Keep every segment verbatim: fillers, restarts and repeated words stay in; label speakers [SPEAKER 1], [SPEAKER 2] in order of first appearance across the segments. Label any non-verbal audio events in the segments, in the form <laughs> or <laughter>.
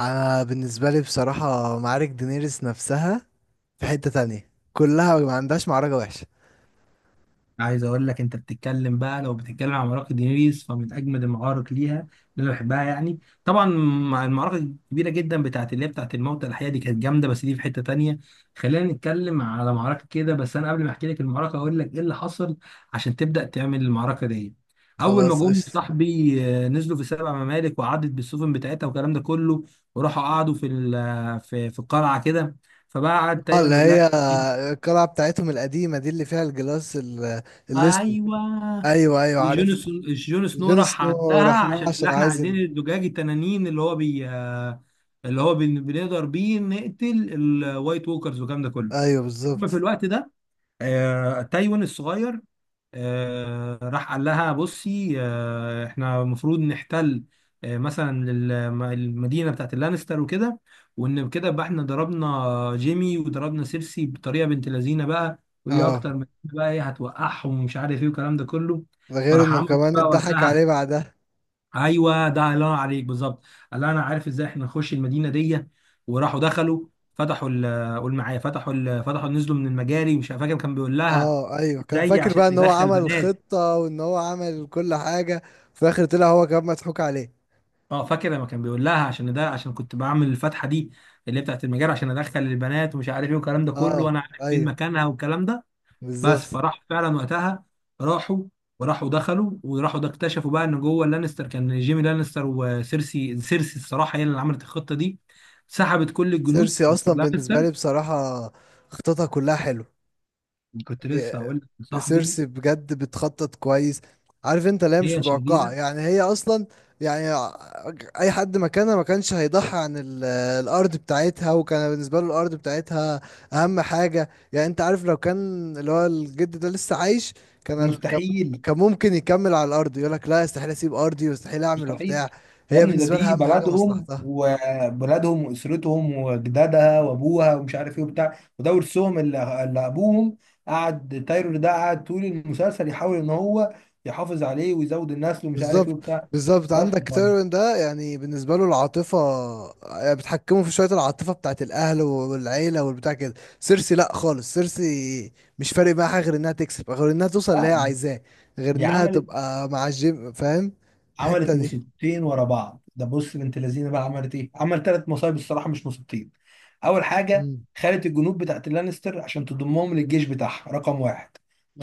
[SPEAKER 1] انا بالنسبه لي بصراحه معارك دينيريس نفسها في حته تانية كلها ما عندهاش معركه وحشه.
[SPEAKER 2] عايز اقول لك انت بتتكلم بقى. لو بتتكلم عن معركه دينيريس فمن اجمد المعارك ليها اللي انا بحبها يعني، طبعا مع المعركه الكبيره جدا بتاعت اللي هي بتاعت الموتى الاحياء، دي كانت جامده، بس دي في حته تانية. خلينا نتكلم على معركه كده، بس انا قبل ما احكي لك المعركه اقول لك ايه اللي حصل عشان تبدا تعمل المعركه دي. اول ما
[SPEAKER 1] خلاص
[SPEAKER 2] جم
[SPEAKER 1] قشطه.
[SPEAKER 2] صاحبي آه، نزلوا في سبع ممالك وعدت بالسفن بتاعتها والكلام ده كله، وراحوا قعدوا في ال- آه، في في القلعه كده. فبقى قعد
[SPEAKER 1] اه،
[SPEAKER 2] تايوان
[SPEAKER 1] اللي
[SPEAKER 2] يقول لها،
[SPEAKER 1] هي القلعه بتاعتهم القديمه دي اللي فيها الجلاس ال- الاسود.
[SPEAKER 2] ايوه،
[SPEAKER 1] ايوه ايوه
[SPEAKER 2] جون
[SPEAKER 1] عارف.
[SPEAKER 2] سن- جون سنو
[SPEAKER 1] جون
[SPEAKER 2] راح
[SPEAKER 1] سنو
[SPEAKER 2] عندها
[SPEAKER 1] راح لها
[SPEAKER 2] عشان
[SPEAKER 1] عشان
[SPEAKER 2] اللي احنا
[SPEAKER 1] عايز
[SPEAKER 2] عايزين
[SPEAKER 1] ال...
[SPEAKER 2] الزجاج التنانين اللي هو بي، اللي هو بن- بنقدر بيه نقتل الوايت ووكرز والكلام ده كله.
[SPEAKER 1] ايوه
[SPEAKER 2] في
[SPEAKER 1] بالظبط.
[SPEAKER 2] الوقت ده، آه، تايوان الصغير آه، راح قال لها، بصي، آه، احنا المفروض نحتل آه، مثلا ال- المدينه بتاعت اللانستر وكده، وان كده بقى احنا ضربنا جيمي وضربنا سيرسي بطريقه بنت لذينه بقى، ودي
[SPEAKER 1] اه،
[SPEAKER 2] اكتر من كده بقى، ايه هتوقعهم ومش عارف ايه والكلام ده كله.
[SPEAKER 1] ده غير
[SPEAKER 2] فراح
[SPEAKER 1] انه
[SPEAKER 2] عمل إيه
[SPEAKER 1] كمان
[SPEAKER 2] بقى
[SPEAKER 1] اتضحك عليه
[SPEAKER 2] وقتها؟
[SPEAKER 1] بعدها.
[SPEAKER 2] ايوه، ده الله ينور عليك، بالظبط. قال لها انا عارف ازاي احنا نخش المدينه دي، وراحوا دخلوا، فتحوا ال- قول معايا، فتحوا ال- فتحوا نزلوا من المجاري، مش فاكر كان بيقول لها
[SPEAKER 1] اه ايوه، كان
[SPEAKER 2] ازاي
[SPEAKER 1] فاكر
[SPEAKER 2] عشان
[SPEAKER 1] بقى ان هو
[SPEAKER 2] يدخل
[SPEAKER 1] عمل
[SPEAKER 2] بنات.
[SPEAKER 1] خطه وان هو عمل كل حاجه. في الاخر طلع هو كمان مضحوك عليه.
[SPEAKER 2] اه فاكر لما كان بيقول لها عشان ده عشان كنت بعمل الفتحه دي اللي هي بتاعت المجال عشان ادخل البنات ومش عارف ايه والكلام ده كله،
[SPEAKER 1] اه
[SPEAKER 2] وانا عارف فين
[SPEAKER 1] ايوه
[SPEAKER 2] مكانها والكلام ده. بس
[SPEAKER 1] بالظبط.
[SPEAKER 2] فراح فعلا وقتها، راحوا، وراحوا دخلوا وراحوا ده اكتشفوا بقى ان جوه لانستر كان جيمي لانستر وسيرسي سيرسي الصراحه هي اللي عملت الخطه دي، سحبت كل الجنود
[SPEAKER 1] سيرسي
[SPEAKER 2] بتوع
[SPEAKER 1] اصلا بالنسبه
[SPEAKER 2] لانستر.
[SPEAKER 1] لي بصراحه خططها كلها حلو.
[SPEAKER 2] كنت
[SPEAKER 1] إيه،
[SPEAKER 2] لسه هقول لك يا صاحبي،
[SPEAKER 1] سيرسي بجد بتخطط كويس. عارف انت، لا مش
[SPEAKER 2] هي
[SPEAKER 1] متوقعه،
[SPEAKER 2] شريره،
[SPEAKER 1] يعني هي اصلا. يعني ع- اي حد مكانها ما كانش هيضحي عن ال- الارض بتاعتها، وكان بالنسبه له الارض بتاعتها اهم حاجه. يعني انت عارف، لو كان اللي هو الجد ده لسه عايش كان ال- كان
[SPEAKER 2] مستحيل،
[SPEAKER 1] كان ممكن يكمل على الارض يقول لك لا استحيل اسيب ارضي واستحيل اعمل
[SPEAKER 2] مستحيل.
[SPEAKER 1] وبتاع.
[SPEAKER 2] يا
[SPEAKER 1] هي
[SPEAKER 2] ابني ده
[SPEAKER 1] بالنسبه لها
[SPEAKER 2] دي
[SPEAKER 1] اهم حاجه
[SPEAKER 2] بلدهم
[SPEAKER 1] مصلحتها.
[SPEAKER 2] وبلدهم واسرتهم وجدادها وابوها ومش عارف ايه وبتاع، وده ورثهم اللي, اللي ابوهم قعد تايرور ده قعد طول المسلسل يحاول ان هو يحافظ عليه ويزود النسل ومش عارف ايه
[SPEAKER 1] بالظبط
[SPEAKER 2] وبتاع.
[SPEAKER 1] بالظبط.
[SPEAKER 2] بس
[SPEAKER 1] عندك
[SPEAKER 2] ف-
[SPEAKER 1] تيرون ده، يعني بالنسبه له العاطفه، يعني بتحكمه في شويه العاطفه بتاعت الاهل والعيله والبتاع كده. سيرسي لا خالص، سيرسي مش فارق معاها غير انها تكسب، غير انها توصل اللي هي
[SPEAKER 2] آه،
[SPEAKER 1] عايزاه، غير
[SPEAKER 2] دي
[SPEAKER 1] انها
[SPEAKER 2] عملت
[SPEAKER 1] تبقى مع الجيم، فاهم. الحته
[SPEAKER 2] عملت
[SPEAKER 1] دي.
[SPEAKER 2] مصيبتين ورا بعض، ده بص بنت لذينه بقى، عملت ايه؟ عمل ثلاث مصايب الصراحه مش مصيبتين. اول حاجه
[SPEAKER 1] مم.
[SPEAKER 2] خدت الجنود بتاعت اللانستر عشان تضمهم للجيش بتاعها، رقم واحد.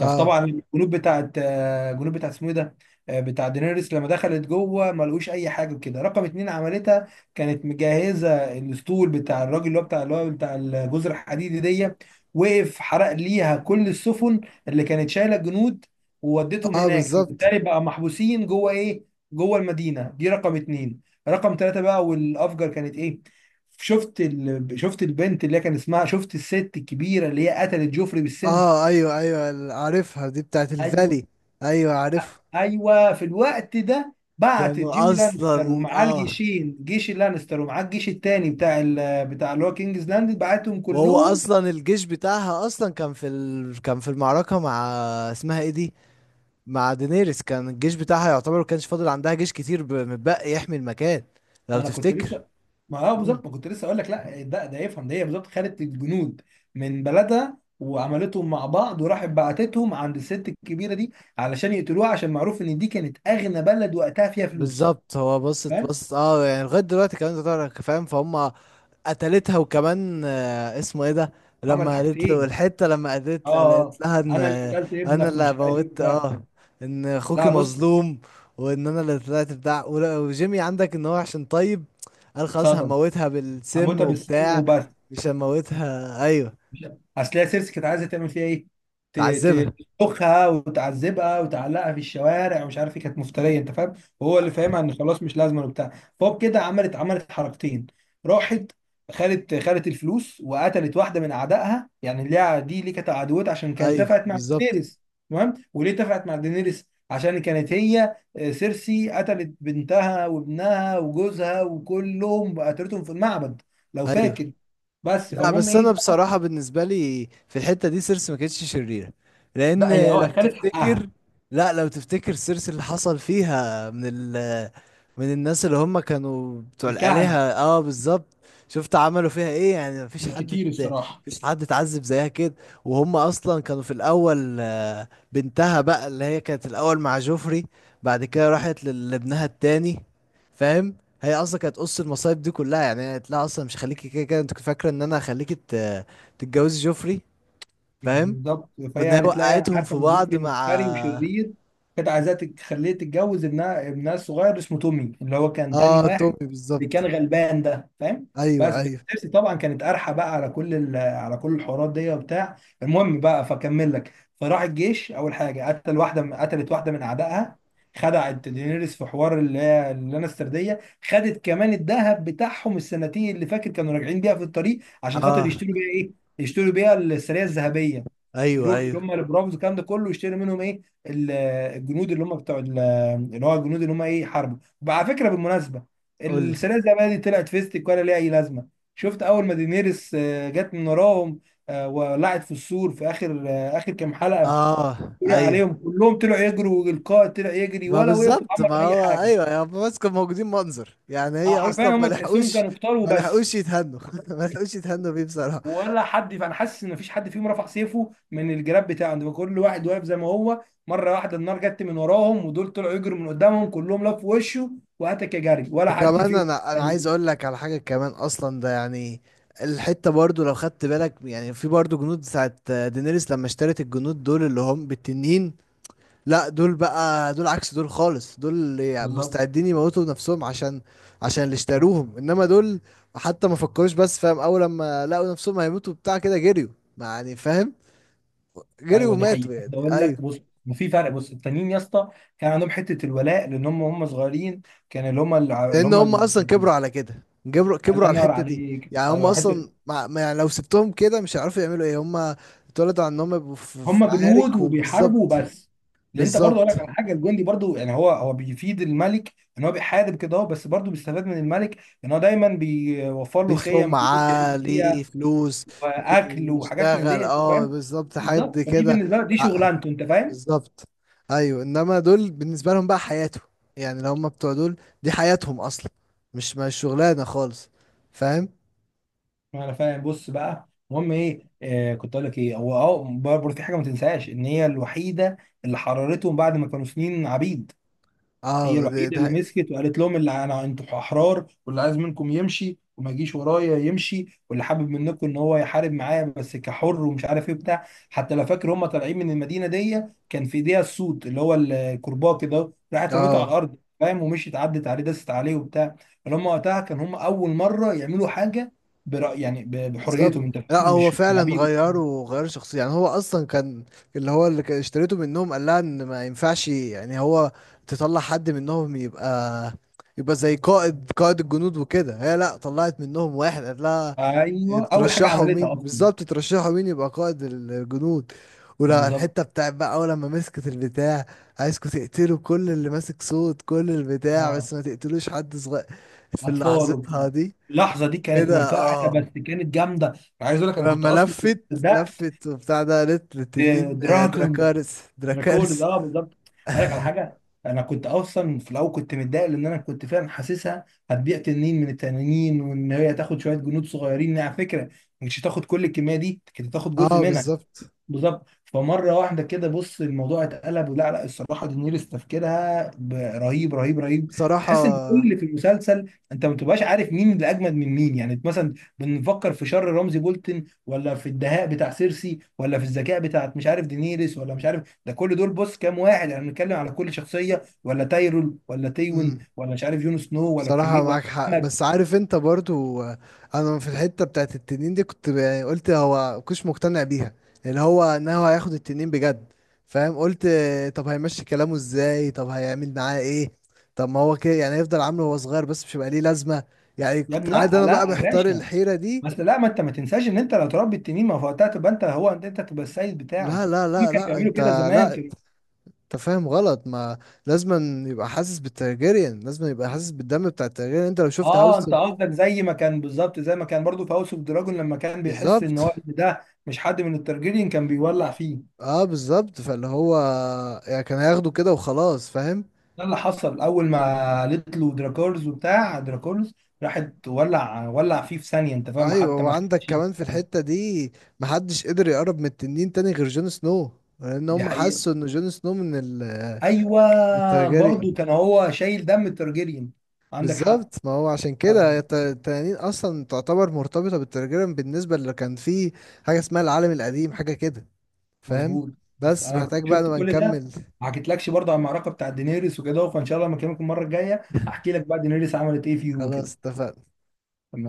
[SPEAKER 1] اه
[SPEAKER 2] الجنود بتاعت آه، الجنود بتاعت اسمه ايه ده، آه، بتاع دينيريس لما دخلت جوه ما لقوش اي حاجه كده، رقم اتنين عملتها، كانت مجهزه الاسطول بتاع الراجل اللي هو بتاع اللي هو بتاع الجزر الحديدي دي، وقف حرق ليها كل السفن اللي كانت شايله الجنود، وودتهم
[SPEAKER 1] اه
[SPEAKER 2] هناك،
[SPEAKER 1] بالظبط.
[SPEAKER 2] فبالتالي بقى محبوسين جوه ايه، جوه المدينه دي، رقم اتنين. رقم ثلاثه بقى والافجر كانت ايه، شفت ال... شفت البنت اللي هي كان اسمها، شفت الست الكبيره اللي هي قتلت جوفري بالسم؟
[SPEAKER 1] اه ايوه ايوه عارفها، دي بتاعت
[SPEAKER 2] ايوه،
[SPEAKER 1] الفالي. ايوه عارفها.
[SPEAKER 2] ايوه. في الوقت ده بعت
[SPEAKER 1] كانوا
[SPEAKER 2] جيمي
[SPEAKER 1] اصلا
[SPEAKER 2] لانستر ومعاه
[SPEAKER 1] اه.
[SPEAKER 2] الجيشين، جيش اللانستر، ومعاه الجيش التاني بتاع ال... بتاع اللي هو كينجز لاند، بعتهم
[SPEAKER 1] وهو
[SPEAKER 2] كلهم.
[SPEAKER 1] اصلا الجيش بتاعها اصلا كان في ال... كان في المعركه مع، اسمها ايه دي، مع دينيريس. كان الجيش بتاعها يعتبر ما كانش فاضل عندها جيش كتير ب... متبقي يحمي المكان لو
[SPEAKER 2] ما انا كنت
[SPEAKER 1] تفتكر.
[SPEAKER 2] لسه، ما هو
[SPEAKER 1] مم.
[SPEAKER 2] بالظبط ما كنت لسه اقول لك، لا ده ده يفهم ده، هي بالظبط خدت الجنود من بلدها وعملتهم مع بعض، وراحت بعتتهم عند الست الكبيره دي علشان يقتلوها، عشان معروف ان دي كانت اغنى بلد وقتها فيها فلوس.
[SPEAKER 1] بالظبط، هو بصت
[SPEAKER 2] فاهم؟
[SPEAKER 1] بص اه، يعني لغايه دلوقتي كمان انت تعرف، فاهم فهم. قتلتها وكمان آه، اسمه ايه ده.
[SPEAKER 2] عملت
[SPEAKER 1] لما قالت له
[SPEAKER 2] حاجتين،
[SPEAKER 1] الحتة، لما
[SPEAKER 2] اه
[SPEAKER 1] قالت
[SPEAKER 2] آه،
[SPEAKER 1] قالت لها ان
[SPEAKER 2] انا اللي
[SPEAKER 1] آه،
[SPEAKER 2] قتلت
[SPEAKER 1] انا
[SPEAKER 2] ابنك
[SPEAKER 1] اللي
[SPEAKER 2] ومش عارف ايه
[SPEAKER 1] موت
[SPEAKER 2] وبتاع.
[SPEAKER 1] اه ان اخوكي
[SPEAKER 2] لا بص،
[SPEAKER 1] مظلوم. وان انا اللي طلعت بتاع ولا- وجيمي عندك ان هو عشان طيب. قال خلاص
[SPEAKER 2] اتصدم،
[SPEAKER 1] هموتها بالسم
[SPEAKER 2] هموتها بالسم
[SPEAKER 1] وبتاع.
[SPEAKER 2] وبس.
[SPEAKER 1] مش هموتها ايوه.
[SPEAKER 2] لا. اصل هي سيرسي كانت عايزه تعمل فيها ايه، ت-
[SPEAKER 1] تعذبها.
[SPEAKER 2] ت- تخها وتعذبها وتعلقها في الشوارع ومش عارف ايه، كانت مفتريه انت فاهم، وهو اللي فاهمها ان خلاص مش لازمه وبتاع. فهو كده عملت عملت حركتين، راحت خدت خدت الفلوس وقتلت واحده من اعدائها يعني ليها، دي اللي كانت عدوتها عشان كانت
[SPEAKER 1] ايوه
[SPEAKER 2] اتفقت مع
[SPEAKER 1] بالظبط
[SPEAKER 2] دينيريس. تمام، وليه اتفقت مع دينيريس؟ عشان كانت هي آه، سيرسي قتلت بنتها وابنها وجوزها وكلهم قتلتهم في المعبد، لو
[SPEAKER 1] ايوه.
[SPEAKER 2] فاكر. بس
[SPEAKER 1] لا
[SPEAKER 2] فالمهم
[SPEAKER 1] بس انا
[SPEAKER 2] ايه،
[SPEAKER 1] بصراحه بالنسبه لي في الحته دي سيرس ما كانتش شريره،
[SPEAKER 2] لا هي
[SPEAKER 1] لان. لو
[SPEAKER 2] اه خدت
[SPEAKER 1] تفتكر،
[SPEAKER 2] حقها.
[SPEAKER 1] لا لو تفتكر، سيرس اللي حصل فيها من ال من الناس اللي هم كانوا بتوع الآلهة.
[SPEAKER 2] الكهنه
[SPEAKER 1] اه بالظبط. شفت عملوا فيها ايه؟ يعني مفيش
[SPEAKER 2] كان
[SPEAKER 1] حد
[SPEAKER 2] كتير
[SPEAKER 1] ات-
[SPEAKER 2] الصراحه.
[SPEAKER 1] مفيش حد اتعذب زيها كده. وهم اصلا كانوا في الاول، آه، بنتها بقى اللي هي كانت الاول مع جوفري. بعد كده راحت لل- لابنها التاني، فاهم. هي اصلا كانت قص المصايب دي كلها، يعني هي لا اصلا مش هخليكي كده كده، انت كنت فاكره ان انا هخليكي ت- تتجوزي جوفري، فاهم.
[SPEAKER 2] بالظبط فهي
[SPEAKER 1] وان هي
[SPEAKER 2] قالت لا، يعني
[SPEAKER 1] وقعتهم في
[SPEAKER 2] عارفه ان
[SPEAKER 1] بعض
[SPEAKER 2] جوفري
[SPEAKER 1] مع.
[SPEAKER 2] مفتري وشرير، كانت عايزاه تخليه تتجوز ابنها، ابنها الصغير اسمه تومي اللي هو كان تاني
[SPEAKER 1] اه
[SPEAKER 2] واحد،
[SPEAKER 1] تومي
[SPEAKER 2] اللي كان
[SPEAKER 1] بالظبط.
[SPEAKER 2] غلبان ده، فاهم. بس
[SPEAKER 1] ايوه
[SPEAKER 2] بس
[SPEAKER 1] ايوه.
[SPEAKER 2] تيرسي طبعا كانت قارحه بقى على كل ال- على كل الحوارات دي وبتاع. المهم بقى فكمل لك. فراح الجيش اول حاجه قتل واحده من- قتلت واحده من اعدائها، خدعت دينيريس في حوار اللي هي اللانسترديه، خدت كمان الذهب بتاعهم السنتين اللي فاكر كانوا راجعين بيها في الطريق عشان خاطر
[SPEAKER 1] اه
[SPEAKER 2] يشتروا بيها إيه؟ يشتروا بيها السريه الذهبيه،
[SPEAKER 1] ايوه
[SPEAKER 2] يروحوا اللي هم
[SPEAKER 1] ايوه.
[SPEAKER 2] مم. البرافوز الكلام ده كله يشتروا منهم ايه ال- الجنود اللي هم بتوع ال- اللي هو الجنود اللي هم ايه حاربوا. وعلى فكره بالمناسبه،
[SPEAKER 1] قولي.
[SPEAKER 2] السريه الذهبيه دي طلعت فيستك ولا ليها اي لازمه؟ شفت اول ما دينيرس آه، جت من وراهم، آه، ولعت في السور في اخر آه، اخر كام حلقه،
[SPEAKER 1] اه
[SPEAKER 2] طلع
[SPEAKER 1] ايوه.
[SPEAKER 2] عليهم كلهم طلعوا يجروا، والقائد طلع يجري،
[SPEAKER 1] ما
[SPEAKER 2] ولا وقفوا
[SPEAKER 1] بالظبط، ما
[SPEAKER 2] عملوا اي
[SPEAKER 1] هو
[SPEAKER 2] حاجه.
[SPEAKER 1] ايوه يا بس كانوا موجودين منظر، يعني
[SPEAKER 2] آه،
[SPEAKER 1] هي
[SPEAKER 2] حرفيا
[SPEAKER 1] اصلا ما
[SPEAKER 2] هم تحسهم
[SPEAKER 1] لحقوش.
[SPEAKER 2] كانوا قتال
[SPEAKER 1] ما
[SPEAKER 2] وبس.
[SPEAKER 1] لحقوش يتهنوا <laughs> ما لحقوش يتهنوا بيه بصراحه.
[SPEAKER 2] ولا حد، فانا حاسس ان مفيش حد فيهم رفع سيفه من الجراب بتاعه ده، كل واحد واقف زي ما هو، مره واحده النار جت من وراهم، ودول طلعوا يجروا من قدامهم كلهم، لفوا وشه وهاتك يا جري، ولا حد
[SPEAKER 1] وكمان
[SPEAKER 2] فيهم.
[SPEAKER 1] انا انا عايز
[SPEAKER 2] أيوة.
[SPEAKER 1] اقول لك على حاجه كمان اصلا ده يعني. الحته برضو لو خدت بالك، يعني في برضو جنود بتاعت دينيريس لما اشترت الجنود دول اللي هم بالتنين. لا دول بقى دول عكس دول خالص، دول يعني
[SPEAKER 2] بالظبط.
[SPEAKER 1] مستعدين يموتوا نفسهم عشان عشان اللي اشتروهم. انما دول حتى ما فكروش، بس فاهم، اول لما لقوا نفسهم هيموتوا بتاع كده جريوا. ما يعني فاهم. جريوا
[SPEAKER 2] ايوه دي
[SPEAKER 1] وماتوا
[SPEAKER 2] حقيقه،
[SPEAKER 1] يعني
[SPEAKER 2] ده اقول لك
[SPEAKER 1] ايوه.
[SPEAKER 2] بص، في فرق، بص التانيين يا اسطى كان عندهم حته الولاء لان هم هم صغيرين، كان اللي هم اللي
[SPEAKER 1] لان
[SPEAKER 2] هم
[SPEAKER 1] هم
[SPEAKER 2] ال-
[SPEAKER 1] اصلا كبروا على كده، كبروا كبروا
[SPEAKER 2] الله
[SPEAKER 1] على
[SPEAKER 2] ينور
[SPEAKER 1] الحته دي.
[SPEAKER 2] عليك،
[SPEAKER 1] يعني هم
[SPEAKER 2] ايوه حته.
[SPEAKER 1] اصلا مع... ما يعني لو سبتهم كده مش هيعرفوا يعملوا ايه هم. اتولدوا على انهم يبقوا في في
[SPEAKER 2] هم جنود
[SPEAKER 1] معارك
[SPEAKER 2] وبيحاربوا
[SPEAKER 1] وبالظبط.
[SPEAKER 2] وبس. لان انت برضه اقول
[SPEAKER 1] بالظبط،
[SPEAKER 2] لك على حاجه، الجندي برضه يعني هو هو بيفيد الملك ان هو بيحارب كده اهو، بس برضه بيستفاد من الملك ان هو دايما بيوفر له
[SPEAKER 1] ليه
[SPEAKER 2] خيم، بيوت
[SPEAKER 1] سمعه،
[SPEAKER 2] يعيش
[SPEAKER 1] ليه
[SPEAKER 2] فيها،
[SPEAKER 1] فلوس،
[SPEAKER 2] واكل،
[SPEAKER 1] ليه
[SPEAKER 2] وحاجات من
[SPEAKER 1] يشتغل،
[SPEAKER 2] دي، انت
[SPEAKER 1] اه
[SPEAKER 2] فاهم.
[SPEAKER 1] بالظبط حد
[SPEAKER 2] بالظبط، فدي
[SPEAKER 1] كده.
[SPEAKER 2] بالنسبه له دي
[SPEAKER 1] ع-
[SPEAKER 2] شغلانته، انت فاهم.
[SPEAKER 1] بالظبط. ايوه انما دول بالنسبه لهم بقى حياته، يعني اللي هم بتوع دول دي حياتهم اصلا، مش مش شغلانه خالص، فاهم.
[SPEAKER 2] انا فاهم. بص بقى المهم ايه، آه كنت اقول لك ايه، هو اه برضه في حاجه ما تنساش، ان هي الوحيده اللي حررتهم بعد ما كانوا سنين عبيد، هي
[SPEAKER 1] اه دي,
[SPEAKER 2] الوحيده
[SPEAKER 1] دي...
[SPEAKER 2] اللي
[SPEAKER 1] حي-
[SPEAKER 2] مسكت وقالت لهم اللي انا انتوا احرار، واللي عايز منكم يمشي وما يجيش ورايا يمشي، واللي حابب منكم ان هو يحارب معايا بس كحر ومش عارف ايه بتاع، حتى لو فاكر هم طالعين من المدينه دي، كان في ايديها السوط اللي هو الكرباج كده، راحت رميته على
[SPEAKER 1] اه
[SPEAKER 2] الارض، فاهم، ومشيت عدت عليه، دست عليه وبتاع. اللي هم وقتها كان هم اول مره يعملوا حاجه برأي يعني ب-
[SPEAKER 1] بالظبط.
[SPEAKER 2] بحريتهم، انت
[SPEAKER 1] لا
[SPEAKER 2] فاهم،
[SPEAKER 1] هو
[SPEAKER 2] مش
[SPEAKER 1] فعلا
[SPEAKER 2] عبيد.
[SPEAKER 1] غيروا غيروا شخصية، يعني هو اصلا كان اللي هو اللي كان اشتريته منهم قال لها ان ما ينفعش، يعني هو تطلع حد منهم يبقى يبقى زي قائد قائد الجنود وكده. هي لا طلعت منهم واحد قال لها.
[SPEAKER 2] ايوه اول حاجه
[SPEAKER 1] ترشحوا
[SPEAKER 2] عملتها
[SPEAKER 1] مين
[SPEAKER 2] اصلا.
[SPEAKER 1] بالظبط؟ ترشحوا مين يبقى قائد الجنود؟ ولا
[SPEAKER 2] بالظبط.
[SPEAKER 1] الحتة بتاعت بقى اول لما مسكت البتاع، عايزكوا تقتلوا كل اللي ماسك صوت كل البتاع،
[SPEAKER 2] آه.
[SPEAKER 1] بس ما تقتلوش حد صغير، في
[SPEAKER 2] اطفال
[SPEAKER 1] لحظتها
[SPEAKER 2] وبتاع.
[SPEAKER 1] دي.
[SPEAKER 2] اللحظه دي كانت
[SPEAKER 1] كده
[SPEAKER 2] منفعله،
[SPEAKER 1] اه.
[SPEAKER 2] بس كانت جامده. انا عايز اقول لك انا كنت
[SPEAKER 1] ولما
[SPEAKER 2] اصلا كنت
[SPEAKER 1] لفت
[SPEAKER 2] بدات.
[SPEAKER 1] لفت وبتاع ده، قالت للتنين آه،
[SPEAKER 2] دراجون،
[SPEAKER 1] دراكارس
[SPEAKER 2] دراكول ده
[SPEAKER 1] دراكارس.
[SPEAKER 2] اه بالظبط. هقول لك على حاجه، انا كنت اصلا في الاول كنت متضايق لان انا كنت فعلا حاسسها هتبيع تنين من التنانين، وان هي تاخد شويه جنود صغيرين على فكره، مش هتاخد كل الكميه دي، كانت هتاخد جزء
[SPEAKER 1] اه
[SPEAKER 2] منها.
[SPEAKER 1] بالظبط.
[SPEAKER 2] بالظبط. فمره واحده كده بص الموضوع اتقلب. لا لا الصراحه دينيريس تفكيرها ب- رهيب، رهيب، رهيب. تحس ان كل
[SPEAKER 1] بصراحة.
[SPEAKER 2] اللي في المسلسل انت ما بتبقاش عارف مين اللي اجمد من مين، يعني مثلا بنفكر في شر رمزي بولتن، ولا في الدهاء بتاع سيرسي، ولا في الذكاء بتاعت مش عارف دينيريس، ولا مش عارف ده، كل دول بص كام واحد، يعني بنتكلم على كل شخصيه، ولا تايرول، ولا تيون،
[SPEAKER 1] امم.
[SPEAKER 2] ولا مش عارف جون سنو، ولا
[SPEAKER 1] بصراحة
[SPEAKER 2] كمي، ولا
[SPEAKER 1] معاك حق،
[SPEAKER 2] كمج.
[SPEAKER 1] بس عارف انت برضو آه، انا في الحتة بتاعت التنين دي كنت ب- يعني قلت هو كنتش مقتنع بيها، اللي هو ان هو هياخد التنين بجد، فاهم. قلت آه، طب هيمشي كلامه ازاي، طب هيعمل معاه ايه، طب ما هو كده يعني هيفضل عامله وهو صغير، بس مش هيبقى ليه لازمة. يعني
[SPEAKER 2] يا
[SPEAKER 1] كنت
[SPEAKER 2] ابني
[SPEAKER 1] قاعد
[SPEAKER 2] لا
[SPEAKER 1] انا بقى
[SPEAKER 2] لا يا
[SPEAKER 1] محتار
[SPEAKER 2] باشا،
[SPEAKER 1] الحيرة دي.
[SPEAKER 2] بس لا ما انت ما تنساش ان انت لو تربي التنين ما هو وقتها تبقى انت هو، انت انت تبقى السيد
[SPEAKER 1] لا
[SPEAKER 2] بتاعه،
[SPEAKER 1] لا
[SPEAKER 2] في
[SPEAKER 1] لا
[SPEAKER 2] كانوا
[SPEAKER 1] لا
[SPEAKER 2] بيعملوا
[SPEAKER 1] انت.
[SPEAKER 2] كده زمان
[SPEAKER 1] لا
[SPEAKER 2] كده.
[SPEAKER 1] انت فاهم غلط، ما لازم يبقى حاسس بالترجيريان، لازم يبقى حاسس بالدم بتاع الترجيريان. انت لو شفت
[SPEAKER 2] اه
[SPEAKER 1] هاوس
[SPEAKER 2] انت قصدك زي ما كان، بالظبط زي ما كان برضو في هاوس اوف دراجون لما كان بيحس
[SPEAKER 1] بالظبط.
[SPEAKER 2] ان هو إن ده مش حد من الترجيريين كان بيولع فيه.
[SPEAKER 1] اه بالظبط، فاللي هو يعني كان هياخده كده وخلاص، فاهم.
[SPEAKER 2] ده اللي حصل اول ما قالت له دراكورز وبتاع، دراكورز، راحت ولع ولع فيه في ثانيه انت فاهم،
[SPEAKER 1] ايوه
[SPEAKER 2] حتى ما
[SPEAKER 1] وعندك
[SPEAKER 2] خدش.
[SPEAKER 1] كمان في الحتة دي محدش قدر يقرب من التنين تاني غير جون سنو. لان
[SPEAKER 2] دي
[SPEAKER 1] هم
[SPEAKER 2] حقيقه،
[SPEAKER 1] حسوا ان جون سنو من ال
[SPEAKER 2] ايوه،
[SPEAKER 1] من
[SPEAKER 2] برضو
[SPEAKER 1] الترجيريان.
[SPEAKER 2] كان هو شايل دم الترجيريين، عندك حق.
[SPEAKER 1] بالظبط، ما هو عشان كده الت- التنانين اصلا تعتبر مرتبطة بالترجيريان بالنسبة اللي كان فيه حاجة اسمها العالم القديم حاجة كده، فاهم.
[SPEAKER 2] مظبوط، بس
[SPEAKER 1] بس
[SPEAKER 2] انا
[SPEAKER 1] محتاج بقى
[SPEAKER 2] شفت
[SPEAKER 1] نبقى
[SPEAKER 2] كل ده،
[SPEAKER 1] نكمل.
[SPEAKER 2] ما حكيتلكش برضه عن المعركه بتاع دينيريس وكده، فان شاء الله لما اكلمك المره الجايه هحكي لك بقى دينيريس عملت ايه فيهم
[SPEAKER 1] خلاص
[SPEAKER 2] وكده.
[SPEAKER 1] اتفقنا.